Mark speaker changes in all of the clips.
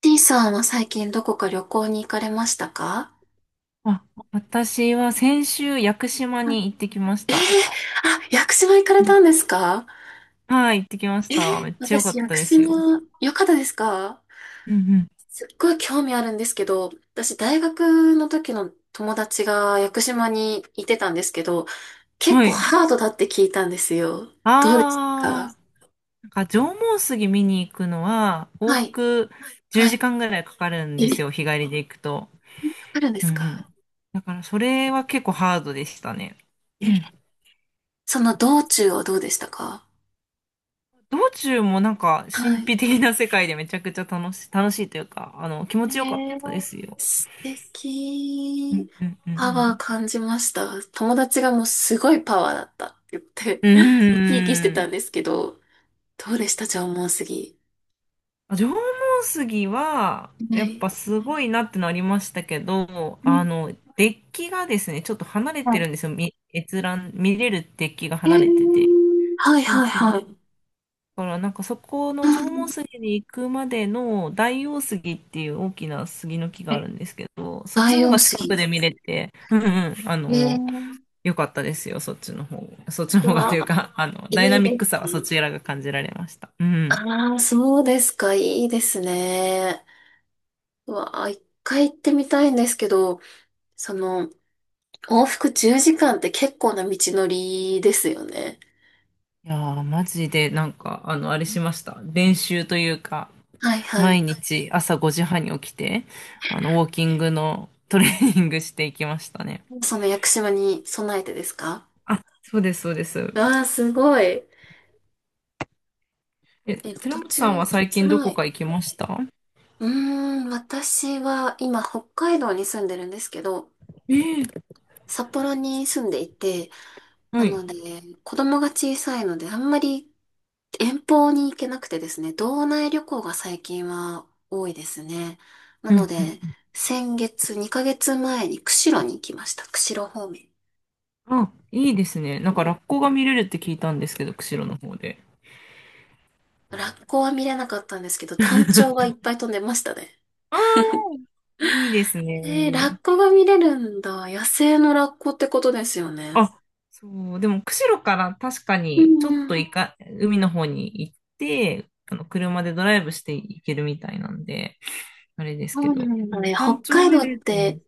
Speaker 1: T さんは最近どこか旅行に行かれましたか？
Speaker 2: あ、私は先週、屋久島
Speaker 1: はい。
Speaker 2: に行ってきました。
Speaker 1: あ、屋久島行かれ
Speaker 2: う
Speaker 1: た
Speaker 2: ん。
Speaker 1: んですか？
Speaker 2: はい、行ってきまし
Speaker 1: えー
Speaker 2: た。めっちゃ良かっ
Speaker 1: 私、屋
Speaker 2: た
Speaker 1: 久
Speaker 2: ですよ。
Speaker 1: 島、よかったですか？
Speaker 2: うん
Speaker 1: すっごい興味あるんですけど、私、大学の時の友達が屋久島にいてたんですけど、
Speaker 2: うん。
Speaker 1: 結
Speaker 2: は
Speaker 1: 構
Speaker 2: い。
Speaker 1: ハードだって聞いたんですよ。どうでした
Speaker 2: あ
Speaker 1: か？
Speaker 2: ー、なんか縄文杉見に行くのは、往
Speaker 1: はい、
Speaker 2: 復10
Speaker 1: は
Speaker 2: 時
Speaker 1: い。
Speaker 2: 間ぐらいかかるんです
Speaker 1: え、
Speaker 2: よ、日帰りで行くと。
Speaker 1: かるんで
Speaker 2: うん
Speaker 1: す
Speaker 2: う
Speaker 1: か？
Speaker 2: ん。だから、それは結構ハードでしたね。う
Speaker 1: え、
Speaker 2: ん。
Speaker 1: その道中はどうでしたか？
Speaker 2: 道中もなんか、神
Speaker 1: は
Speaker 2: 秘
Speaker 1: い。
Speaker 2: 的な世界でめちゃくちゃ楽しい、楽しいというか、気持ちよかっ
Speaker 1: え
Speaker 2: たで
Speaker 1: ー、
Speaker 2: すよ。
Speaker 1: 素
Speaker 2: う
Speaker 1: 敵。
Speaker 2: んうんう
Speaker 1: パワー
Speaker 2: ん
Speaker 1: 感じました。友達がもうすごいパワーだったって言って、
Speaker 2: うん。
Speaker 1: 生き生きして
Speaker 2: うー
Speaker 1: た
Speaker 2: ん。
Speaker 1: んですけど、どうでした縄文杉？
Speaker 2: あ、縄文杉は、
Speaker 1: は
Speaker 2: やっ
Speaker 1: い。
Speaker 2: ぱすごいなってなりましたけど、
Speaker 1: うん。
Speaker 2: デッキがですね、ちょっと離れ
Speaker 1: は
Speaker 2: て
Speaker 1: い。
Speaker 2: るんですよ。み閲覧、見れるデッキが
Speaker 1: え
Speaker 2: 離れてて。
Speaker 1: ー、はい、
Speaker 2: そう
Speaker 1: はい、
Speaker 2: そう。
Speaker 1: はい。
Speaker 2: だからなんかそこ
Speaker 1: う
Speaker 2: の縄
Speaker 1: ん。
Speaker 2: 文杉に行くまでの大王杉っていう大きな杉の木が
Speaker 1: は
Speaker 2: ある
Speaker 1: い。
Speaker 2: んですけど、そっちの
Speaker 1: 大
Speaker 2: 方
Speaker 1: 王
Speaker 2: が近くで
Speaker 1: 杉。
Speaker 2: 見れて、うんうん、
Speaker 1: えー、
Speaker 2: 良かったですよ、そっちの方。そっちの
Speaker 1: う
Speaker 2: 方がと
Speaker 1: わ、
Speaker 2: いうか、ダイ
Speaker 1: い
Speaker 2: ナ
Speaker 1: いで
Speaker 2: ミッ
Speaker 1: す
Speaker 2: クさはそ
Speaker 1: ね。
Speaker 2: ちらが感じられました。うん。
Speaker 1: ああ、そうですか、いいですね。うわ、一回行ってみたいんですけど、その、往復10時間って結構な道のりですよね。
Speaker 2: いやー、マジで、なんか、あれしました。練習というか、
Speaker 1: はいは
Speaker 2: 毎
Speaker 1: い。
Speaker 2: 日朝5時半に起きて、ウォーキングのトレーニングしていきましたね。
Speaker 1: その屋久島に備えてですか？
Speaker 2: あ、そうです、そうです。
Speaker 1: わあ、すごい。
Speaker 2: え、
Speaker 1: え、
Speaker 2: 寺
Speaker 1: 途
Speaker 2: 本
Speaker 1: 中、
Speaker 2: さんは最近ど
Speaker 1: は
Speaker 2: こ
Speaker 1: い。
Speaker 2: か行きました？
Speaker 1: うーん、私は今北海道に住んでるんですけど、
Speaker 2: ええ。
Speaker 1: 札幌に住んでいて、
Speaker 2: は
Speaker 1: な
Speaker 2: い。
Speaker 1: ので、子供が小さいのであんまり遠方に行けなくてですね、道内旅行が最近は多いですね。な
Speaker 2: う
Speaker 1: の
Speaker 2: ん。
Speaker 1: で、先月、2ヶ月前に釧路に行きました。釧路方面。
Speaker 2: あ、いいですね。なんか、ラッコが見れるって聞いたんですけど、釧路の方で。
Speaker 1: ラッコは見れなかったんですけど、タンチョウがい っぱい飛んでましたね。
Speaker 2: あー、いいです
Speaker 1: えー、ラッ
Speaker 2: ね。
Speaker 1: コが見れるんだ。野生のラッコってことですよね。
Speaker 2: あ、そう、でも釧路から確か
Speaker 1: う
Speaker 2: にちょ
Speaker 1: ん
Speaker 2: っ
Speaker 1: う
Speaker 2: と
Speaker 1: ん。
Speaker 2: 海の方に行って、あの車でドライブして行けるみたいなんで、あれです
Speaker 1: そ
Speaker 2: け
Speaker 1: うな
Speaker 2: ど、
Speaker 1: ん
Speaker 2: で
Speaker 1: だ
Speaker 2: も
Speaker 1: ね。北
Speaker 2: 山頂
Speaker 1: 海道
Speaker 2: 目
Speaker 1: っ
Speaker 2: でってね。
Speaker 1: て、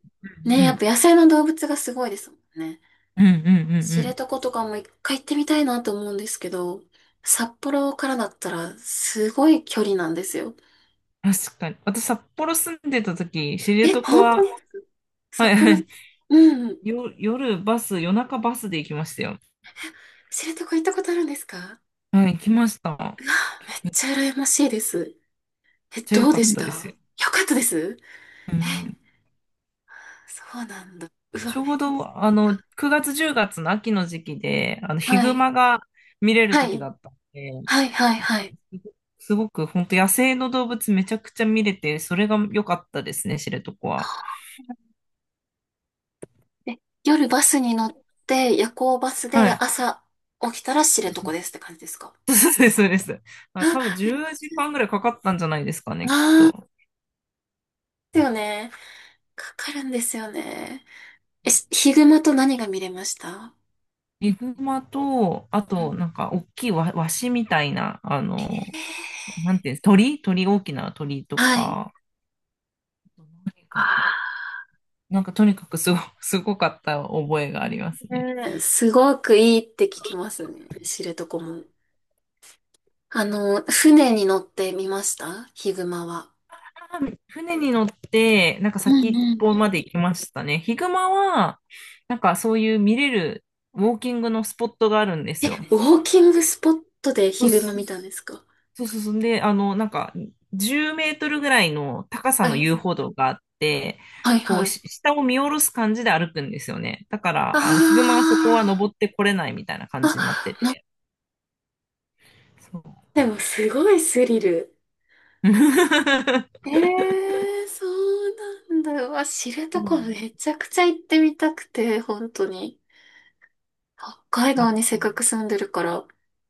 Speaker 1: ね、
Speaker 2: う
Speaker 1: やっ
Speaker 2: ん、
Speaker 1: ぱ野生の動物がすごいですもんね。
Speaker 2: うん、うん、うん、う
Speaker 1: 知
Speaker 2: ん。
Speaker 1: 床とかも一回行ってみたいなと思うんですけど、札幌からだったらすごい距離なんですよ。
Speaker 2: 確かに。私、札幌住んでた時、知
Speaker 1: え、
Speaker 2: 床
Speaker 1: 本当
Speaker 2: は、
Speaker 1: に？
Speaker 2: は
Speaker 1: 札
Speaker 2: い、は
Speaker 1: 幌、うんうん。
Speaker 2: い、夜バス、夜中バスで行きましたよ。
Speaker 1: 知床行ったことあるんですか？
Speaker 2: はい、行きました。めっ
Speaker 1: うわ、めっちゃ羨ましいです。え、
Speaker 2: ちゃ良
Speaker 1: どう
Speaker 2: か
Speaker 1: で
Speaker 2: っ
Speaker 1: し
Speaker 2: た
Speaker 1: たよ
Speaker 2: ですよ。
Speaker 1: かったです？
Speaker 2: うん、
Speaker 1: え、そうなんだ。うわ、
Speaker 2: ち
Speaker 1: め
Speaker 2: ょ
Speaker 1: っ
Speaker 2: う
Speaker 1: ちゃ。
Speaker 2: ど、9月、10月の秋の時期で、ヒ
Speaker 1: は
Speaker 2: グ
Speaker 1: い。
Speaker 2: マが見れる
Speaker 1: は
Speaker 2: 時
Speaker 1: い。
Speaker 2: だったんで、
Speaker 1: はい、はい、はい。
Speaker 2: すごく本当野生の動物めちゃくちゃ見れて、それが良かったですね、知床は。
Speaker 1: はあえ、夜バスに乗って、夜行バス
Speaker 2: は
Speaker 1: で
Speaker 2: い。
Speaker 1: 朝起きたら知床で
Speaker 2: そ
Speaker 1: すって感じですか？
Speaker 2: そうです、そうです。あ、多分
Speaker 1: あ、
Speaker 2: 10時間ぐらいかかったんじゃないですかね、きっ
Speaker 1: ああー、
Speaker 2: と。
Speaker 1: ですよね。かかるんですよね。え、ヒグマと何が見れました？
Speaker 2: ヒグマと、あ
Speaker 1: う
Speaker 2: と、な
Speaker 1: ん。
Speaker 2: んか、大きいワシみたいな、
Speaker 1: えー、
Speaker 2: なんていうんです、鳥、大きな鳥と
Speaker 1: はい。
Speaker 2: か、何かな。
Speaker 1: あ
Speaker 2: なんか、とにかくすごかった覚えがありますね。
Speaker 1: ーね、すごくいいって聞きますね。知床も。船に乗ってみましたヒグマは？
Speaker 2: 船に乗って、なんか
Speaker 1: う
Speaker 2: 先
Speaker 1: ん
Speaker 2: っ
Speaker 1: うん。
Speaker 2: ぽまで行きましたね。ヒグマは、なんかそういう見れるウォーキングのスポットがあるんですよ。
Speaker 1: ウォーキングスポットで
Speaker 2: そう
Speaker 1: ヒグマ見たんですか？
Speaker 2: そうそうそう。で、なんか10メートルぐらいの高さ
Speaker 1: は
Speaker 2: の
Speaker 1: い。
Speaker 2: 遊歩道があって、
Speaker 1: はい
Speaker 2: こう、
Speaker 1: はい。
Speaker 2: 下を見下ろす感じで歩くんですよね。だか
Speaker 1: あ
Speaker 2: ら、ヒグマはそこは登ってこれないみたいな
Speaker 1: あ。
Speaker 2: 感じになっ
Speaker 1: あ、
Speaker 2: てて。そう。
Speaker 1: でもすごいスリル。え えーそうなんだ。うわ、知
Speaker 2: う
Speaker 1: 床
Speaker 2: ん。
Speaker 1: めちゃくちゃ行ってみたくて、本当に。北海
Speaker 2: あっ
Speaker 1: 道にせっ
Speaker 2: たね。
Speaker 1: かく住んでるから。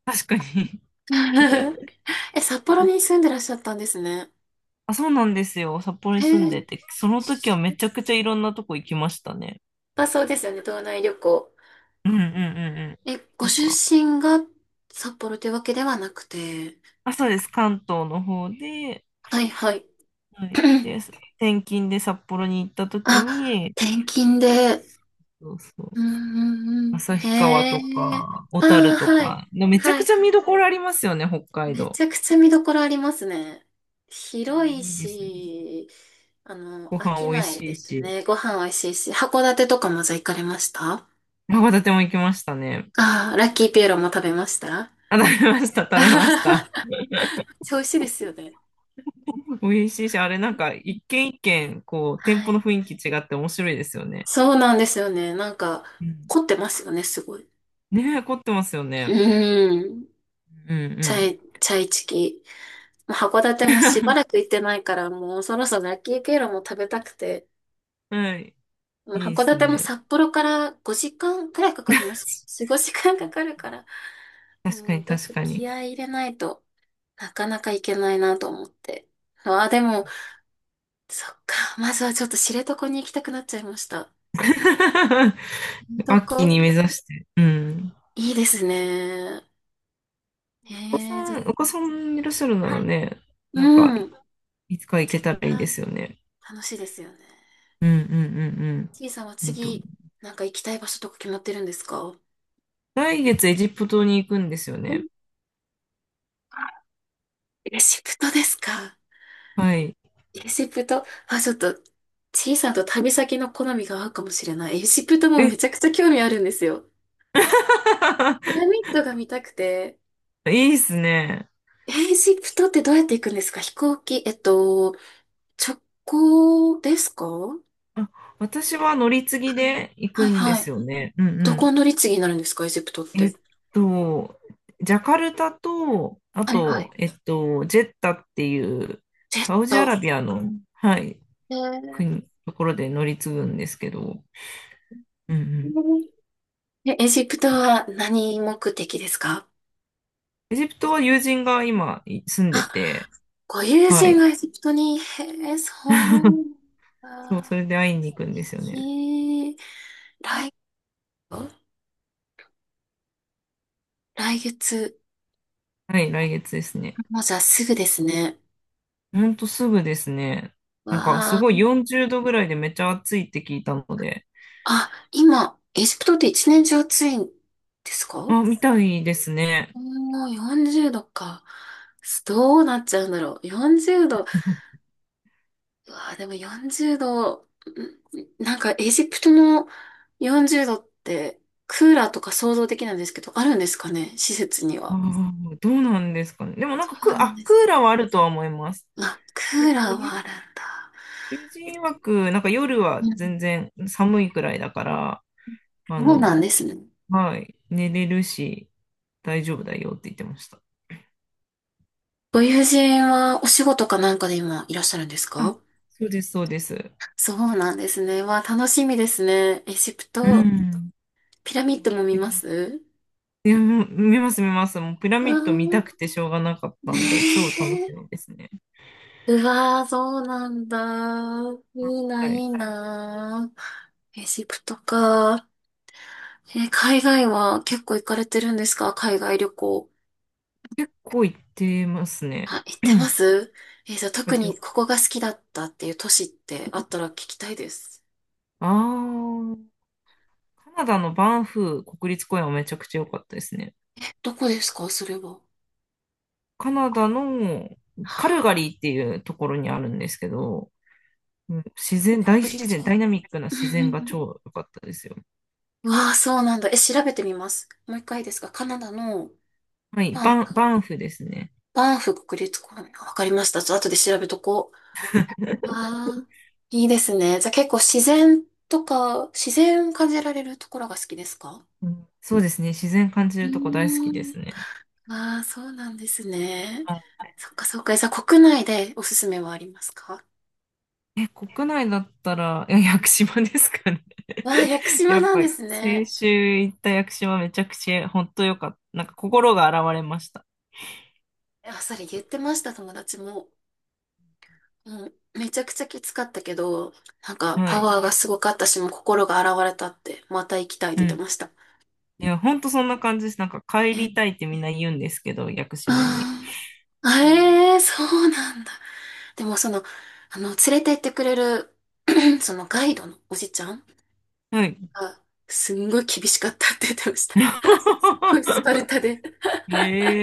Speaker 2: 確かに。
Speaker 1: え、札幌に 住んでらっしゃったんですね。
Speaker 2: あ、そうなんですよ。札幌に
Speaker 1: へ
Speaker 2: 住ん
Speaker 1: え。
Speaker 2: でて、その時はめちゃくちゃいろんなとこ行きましたね。
Speaker 1: まあそうですよね、道内旅行。
Speaker 2: うんうんうんうん。
Speaker 1: え、ご
Speaker 2: なん
Speaker 1: 出
Speaker 2: か、
Speaker 1: 身が札幌というわけではなくて。
Speaker 2: あ、そうです。関東の方で、
Speaker 1: はいはい。
Speaker 2: はい。で、転勤で札幌に行った時
Speaker 1: あ、
Speaker 2: に、
Speaker 1: 転勤で、
Speaker 2: そうそう。
Speaker 1: うんうんうん。へ
Speaker 2: 旭川とか、
Speaker 1: え。
Speaker 2: 小
Speaker 1: あ
Speaker 2: 樽
Speaker 1: あ、
Speaker 2: と
Speaker 1: はい。
Speaker 2: か、でめちゃ
Speaker 1: は
Speaker 2: く
Speaker 1: い
Speaker 2: ちゃ
Speaker 1: は
Speaker 2: 見
Speaker 1: い。
Speaker 2: どころありますよね、北海
Speaker 1: め
Speaker 2: 道。
Speaker 1: ちゃくちゃ見どころありますね。
Speaker 2: いや、
Speaker 1: 広
Speaker 2: い
Speaker 1: い
Speaker 2: いんですよね。
Speaker 1: し、
Speaker 2: ご
Speaker 1: 飽
Speaker 2: 飯
Speaker 1: き
Speaker 2: 美味
Speaker 1: ない
Speaker 2: しい
Speaker 1: です
Speaker 2: し。
Speaker 1: ね。ご飯美味しいし。函館とかもじゃあ行かれました？あ
Speaker 2: 函館も行きましたね。
Speaker 1: あー、ラッキーピエロも食べました？
Speaker 2: あ、食べました、食
Speaker 1: あ
Speaker 2: べま
Speaker 1: は
Speaker 2: し
Speaker 1: は、
Speaker 2: た。
Speaker 1: めっちゃ 美味しいですよね。
Speaker 2: 美味しいし、あれなんか一軒一軒、こう、店
Speaker 1: は
Speaker 2: 舗
Speaker 1: い。
Speaker 2: の雰囲気違って面白いですよね。
Speaker 1: そうなんですよね。なんか、
Speaker 2: うん。
Speaker 1: 凝ってますよね、すごい。う
Speaker 2: ねえ、凝ってますよね。
Speaker 1: ーん。
Speaker 2: うんう
Speaker 1: チャイチキ。函
Speaker 2: ん。
Speaker 1: 館もしば らく行ってないから、もうそろそろ秋きいロも食べたくて、
Speaker 2: はい。
Speaker 1: もう
Speaker 2: いいで
Speaker 1: 函
Speaker 2: す
Speaker 1: 館も
Speaker 2: ね。
Speaker 1: 札幌から5時間くらいかかります。4、5時間かかるから、
Speaker 2: 確か
Speaker 1: も
Speaker 2: に
Speaker 1: うちょっ
Speaker 2: 確
Speaker 1: と
Speaker 2: かに。
Speaker 1: 気合い入れないとなかなか行けないなと思って。ああ、でも、そっか、まずはちょっと知床に行きたくなっちゃいました。知
Speaker 2: 秋
Speaker 1: 床、
Speaker 2: に目指して。うん。
Speaker 1: いいですね。ええ、じゃ、
Speaker 2: お子さんいらっしゃるな
Speaker 1: は
Speaker 2: ら
Speaker 1: い。
Speaker 2: ね、なんか、
Speaker 1: うん。
Speaker 2: いつか行けたらいい
Speaker 1: は
Speaker 2: で
Speaker 1: い。
Speaker 2: すよね。
Speaker 1: 楽しいですよね。
Speaker 2: うんうんうん
Speaker 1: ちいさんは
Speaker 2: うん。いいと思う。
Speaker 1: 次、なんか行きたい場所とか決まってるんですか？う
Speaker 2: 来月エジプトに行くんですよ
Speaker 1: ん。
Speaker 2: ね。
Speaker 1: レシプトですか？
Speaker 2: はい。
Speaker 1: エジプト、あ、ちょっと、小さんと旅先の好みが合うかもしれない。エジプトも
Speaker 2: え、
Speaker 1: めちゃくちゃ興味あるんですよ。ピラミッドが見たくて。
Speaker 2: いいですね。
Speaker 1: エジプトってどうやって行くんですか？飛行機、直行ですか？は
Speaker 2: あ、私は乗り継ぎ
Speaker 1: い。
Speaker 2: で行
Speaker 1: はい
Speaker 2: くんで
Speaker 1: は
Speaker 2: す
Speaker 1: い。
Speaker 2: よね。うんう
Speaker 1: ど
Speaker 2: ん。
Speaker 1: こ乗り継ぎになるんですかエジプトっ
Speaker 2: えっ
Speaker 1: て？
Speaker 2: と、ジャカルタと、あ
Speaker 1: はいはい。
Speaker 2: と、ジェッタっていう、
Speaker 1: ジェッ
Speaker 2: サウジアラ
Speaker 1: ト。
Speaker 2: ビアの、はい、
Speaker 1: えー
Speaker 2: ところで乗り継ぐんですけど、うんうん。
Speaker 1: えエジプトは何目的ですか？
Speaker 2: エジプトは友人が今住んで
Speaker 1: あ、
Speaker 2: て、
Speaker 1: ご友
Speaker 2: は
Speaker 1: 人
Speaker 2: い。
Speaker 1: がエジプトに、へえ、そうな ん
Speaker 2: そう、それ
Speaker 1: だ。
Speaker 2: で会いに行くんで
Speaker 1: 行
Speaker 2: すよね。
Speaker 1: き、来、来月、
Speaker 2: はい、来月ですね。
Speaker 1: もうじゃあすぐですね。
Speaker 2: ほんとすぐですね。
Speaker 1: わ
Speaker 2: なんか、す
Speaker 1: あ。
Speaker 2: ごい40度ぐらいでめっちゃ暑いって聞いたので、
Speaker 1: あ、今、エジプトって一年中暑いんですか？
Speaker 2: あ、みたいですね。
Speaker 1: もう40度か。どうなっちゃうんだろう。40度。うわあ、でも40度、なんかエジプトの40度って、クーラーとか想像できないんですけど、あるんですかね、施設に
Speaker 2: あ
Speaker 1: は。
Speaker 2: どうなんですかね。でもな
Speaker 1: そ
Speaker 2: んか
Speaker 1: うなんで
Speaker 2: ク
Speaker 1: す。
Speaker 2: ーラーはあるとは思います。
Speaker 1: まあ、ク
Speaker 2: そう。
Speaker 1: ーラー
Speaker 2: 友
Speaker 1: はあるんだ。
Speaker 2: 友人曰く、なんか夜
Speaker 1: う
Speaker 2: は
Speaker 1: ん。
Speaker 2: 全然寒いくらいだから、あ
Speaker 1: そうなん
Speaker 2: の、
Speaker 1: ですね。
Speaker 2: はい、寝れるし、大丈夫だよって言ってました。
Speaker 1: ご友人はお仕事かなんかで今いらっしゃるんです
Speaker 2: あ、
Speaker 1: か？
Speaker 2: そうです、そうです。
Speaker 1: そうなんですね。わあ、楽しみですね。エジプ
Speaker 2: う
Speaker 1: ト、
Speaker 2: ん。
Speaker 1: ピラミッドも見ます？
Speaker 2: いや、もう見ます、見ます。もうピラ
Speaker 1: あ
Speaker 2: ミ
Speaker 1: あ
Speaker 2: ッド見たく
Speaker 1: ー、
Speaker 2: てしょうがなかったんで、超楽
Speaker 1: ね
Speaker 2: しみ
Speaker 1: え。
Speaker 2: ですね。
Speaker 1: うわあ、そうなんだ。いいな、
Speaker 2: は
Speaker 1: い
Speaker 2: い。
Speaker 1: いな。エジプトか。えー、海外は結構行かれてるんですか？海外旅行。
Speaker 2: 結構行ってますね。
Speaker 1: あ、行っ
Speaker 2: や
Speaker 1: てま
Speaker 2: っ
Speaker 1: す？えー、じゃあ
Speaker 2: ぱ
Speaker 1: 特
Speaker 2: り旅
Speaker 1: に
Speaker 2: 行、
Speaker 1: ここが好きだったっていう都市ってあったら聞きたいです。
Speaker 2: ああー、カナダのバンフー国立公園はめちゃくちゃ良かったですね。
Speaker 1: どこですかそれは？
Speaker 2: カナダのカルガリーっていうところにあるんですけど、うん。自然、大
Speaker 1: 国立
Speaker 2: 自然、
Speaker 1: 公
Speaker 2: ダイ
Speaker 1: 園。
Speaker 2: ナミックな
Speaker 1: うん
Speaker 2: 自
Speaker 1: う
Speaker 2: 然が
Speaker 1: んうん
Speaker 2: 超良かったですよ。
Speaker 1: わあ、そうなんだ。え、調べてみます。もう一回ですかカナダの？
Speaker 2: はい、
Speaker 1: バンフ、
Speaker 2: バンフですね。
Speaker 1: バンフ国立公園。わかりました。ちょっと後で調べとこう。わあ、いいですね。じゃあ結構自然とか、自然を感じられるところが好きですか？
Speaker 2: うん。そうですね、自然感じ
Speaker 1: うー
Speaker 2: るとこ大好きで
Speaker 1: ん。
Speaker 2: すね。
Speaker 1: ああ、そうなんですね。
Speaker 2: は
Speaker 1: そっかそっか。じゃあ国内でおすすめはありますか？
Speaker 2: い。え、国内だったら、いや、屋久島ですかね。
Speaker 1: わあ、屋久
Speaker 2: や
Speaker 1: 島
Speaker 2: っ
Speaker 1: なん
Speaker 2: ぱ、
Speaker 1: です
Speaker 2: 先
Speaker 1: ね。
Speaker 2: 週行った屋久島めちゃくちゃ、本当良かった。なんか心が洗われました。
Speaker 1: あ、それ言ってました、友達も。うん、めちゃくちゃきつかったけど、なんか
Speaker 2: は
Speaker 1: パ
Speaker 2: い。
Speaker 1: ワーがすごかったし、もう心が洗われたって、また行きたいって
Speaker 2: う
Speaker 1: 言っ
Speaker 2: ん。
Speaker 1: てました。
Speaker 2: いや、ほんとそんな感じです。なんか帰りたいってみんな言うんですけど、屋久島に。
Speaker 1: あーあ
Speaker 2: うん。
Speaker 1: えー、そうなんだ。でもその、連れて行ってくれる、そのガイドのおじちゃん
Speaker 2: はい。
Speaker 1: が、すんごい厳しかったって言ってました。すっごいスパル タで、ス
Speaker 2: え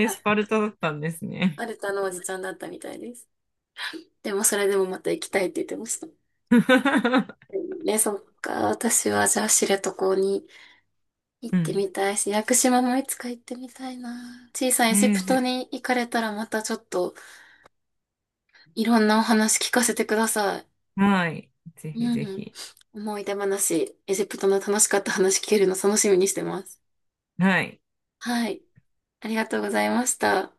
Speaker 2: ー、スパルタだったんですね。
Speaker 1: パルタのおじちゃんだったみたいです。でもそれでもまた行きたいって言ってました。ね、そっか。私はじゃあ知床に行っ
Speaker 2: う
Speaker 1: て
Speaker 2: ん。
Speaker 1: みたいし、屋久島もいつか行ってみたいな。小さい
Speaker 2: え
Speaker 1: エジ
Speaker 2: ー、
Speaker 1: プトに行かれたらまたちょっといろんなお話聞かせてください。
Speaker 2: はい。ぜひ
Speaker 1: う
Speaker 2: ぜ
Speaker 1: ん。
Speaker 2: ひ。
Speaker 1: 思い出話、エジプトの楽しかった話聞けるの楽しみにしてます。
Speaker 2: はい。
Speaker 1: はい。ありがとうございました。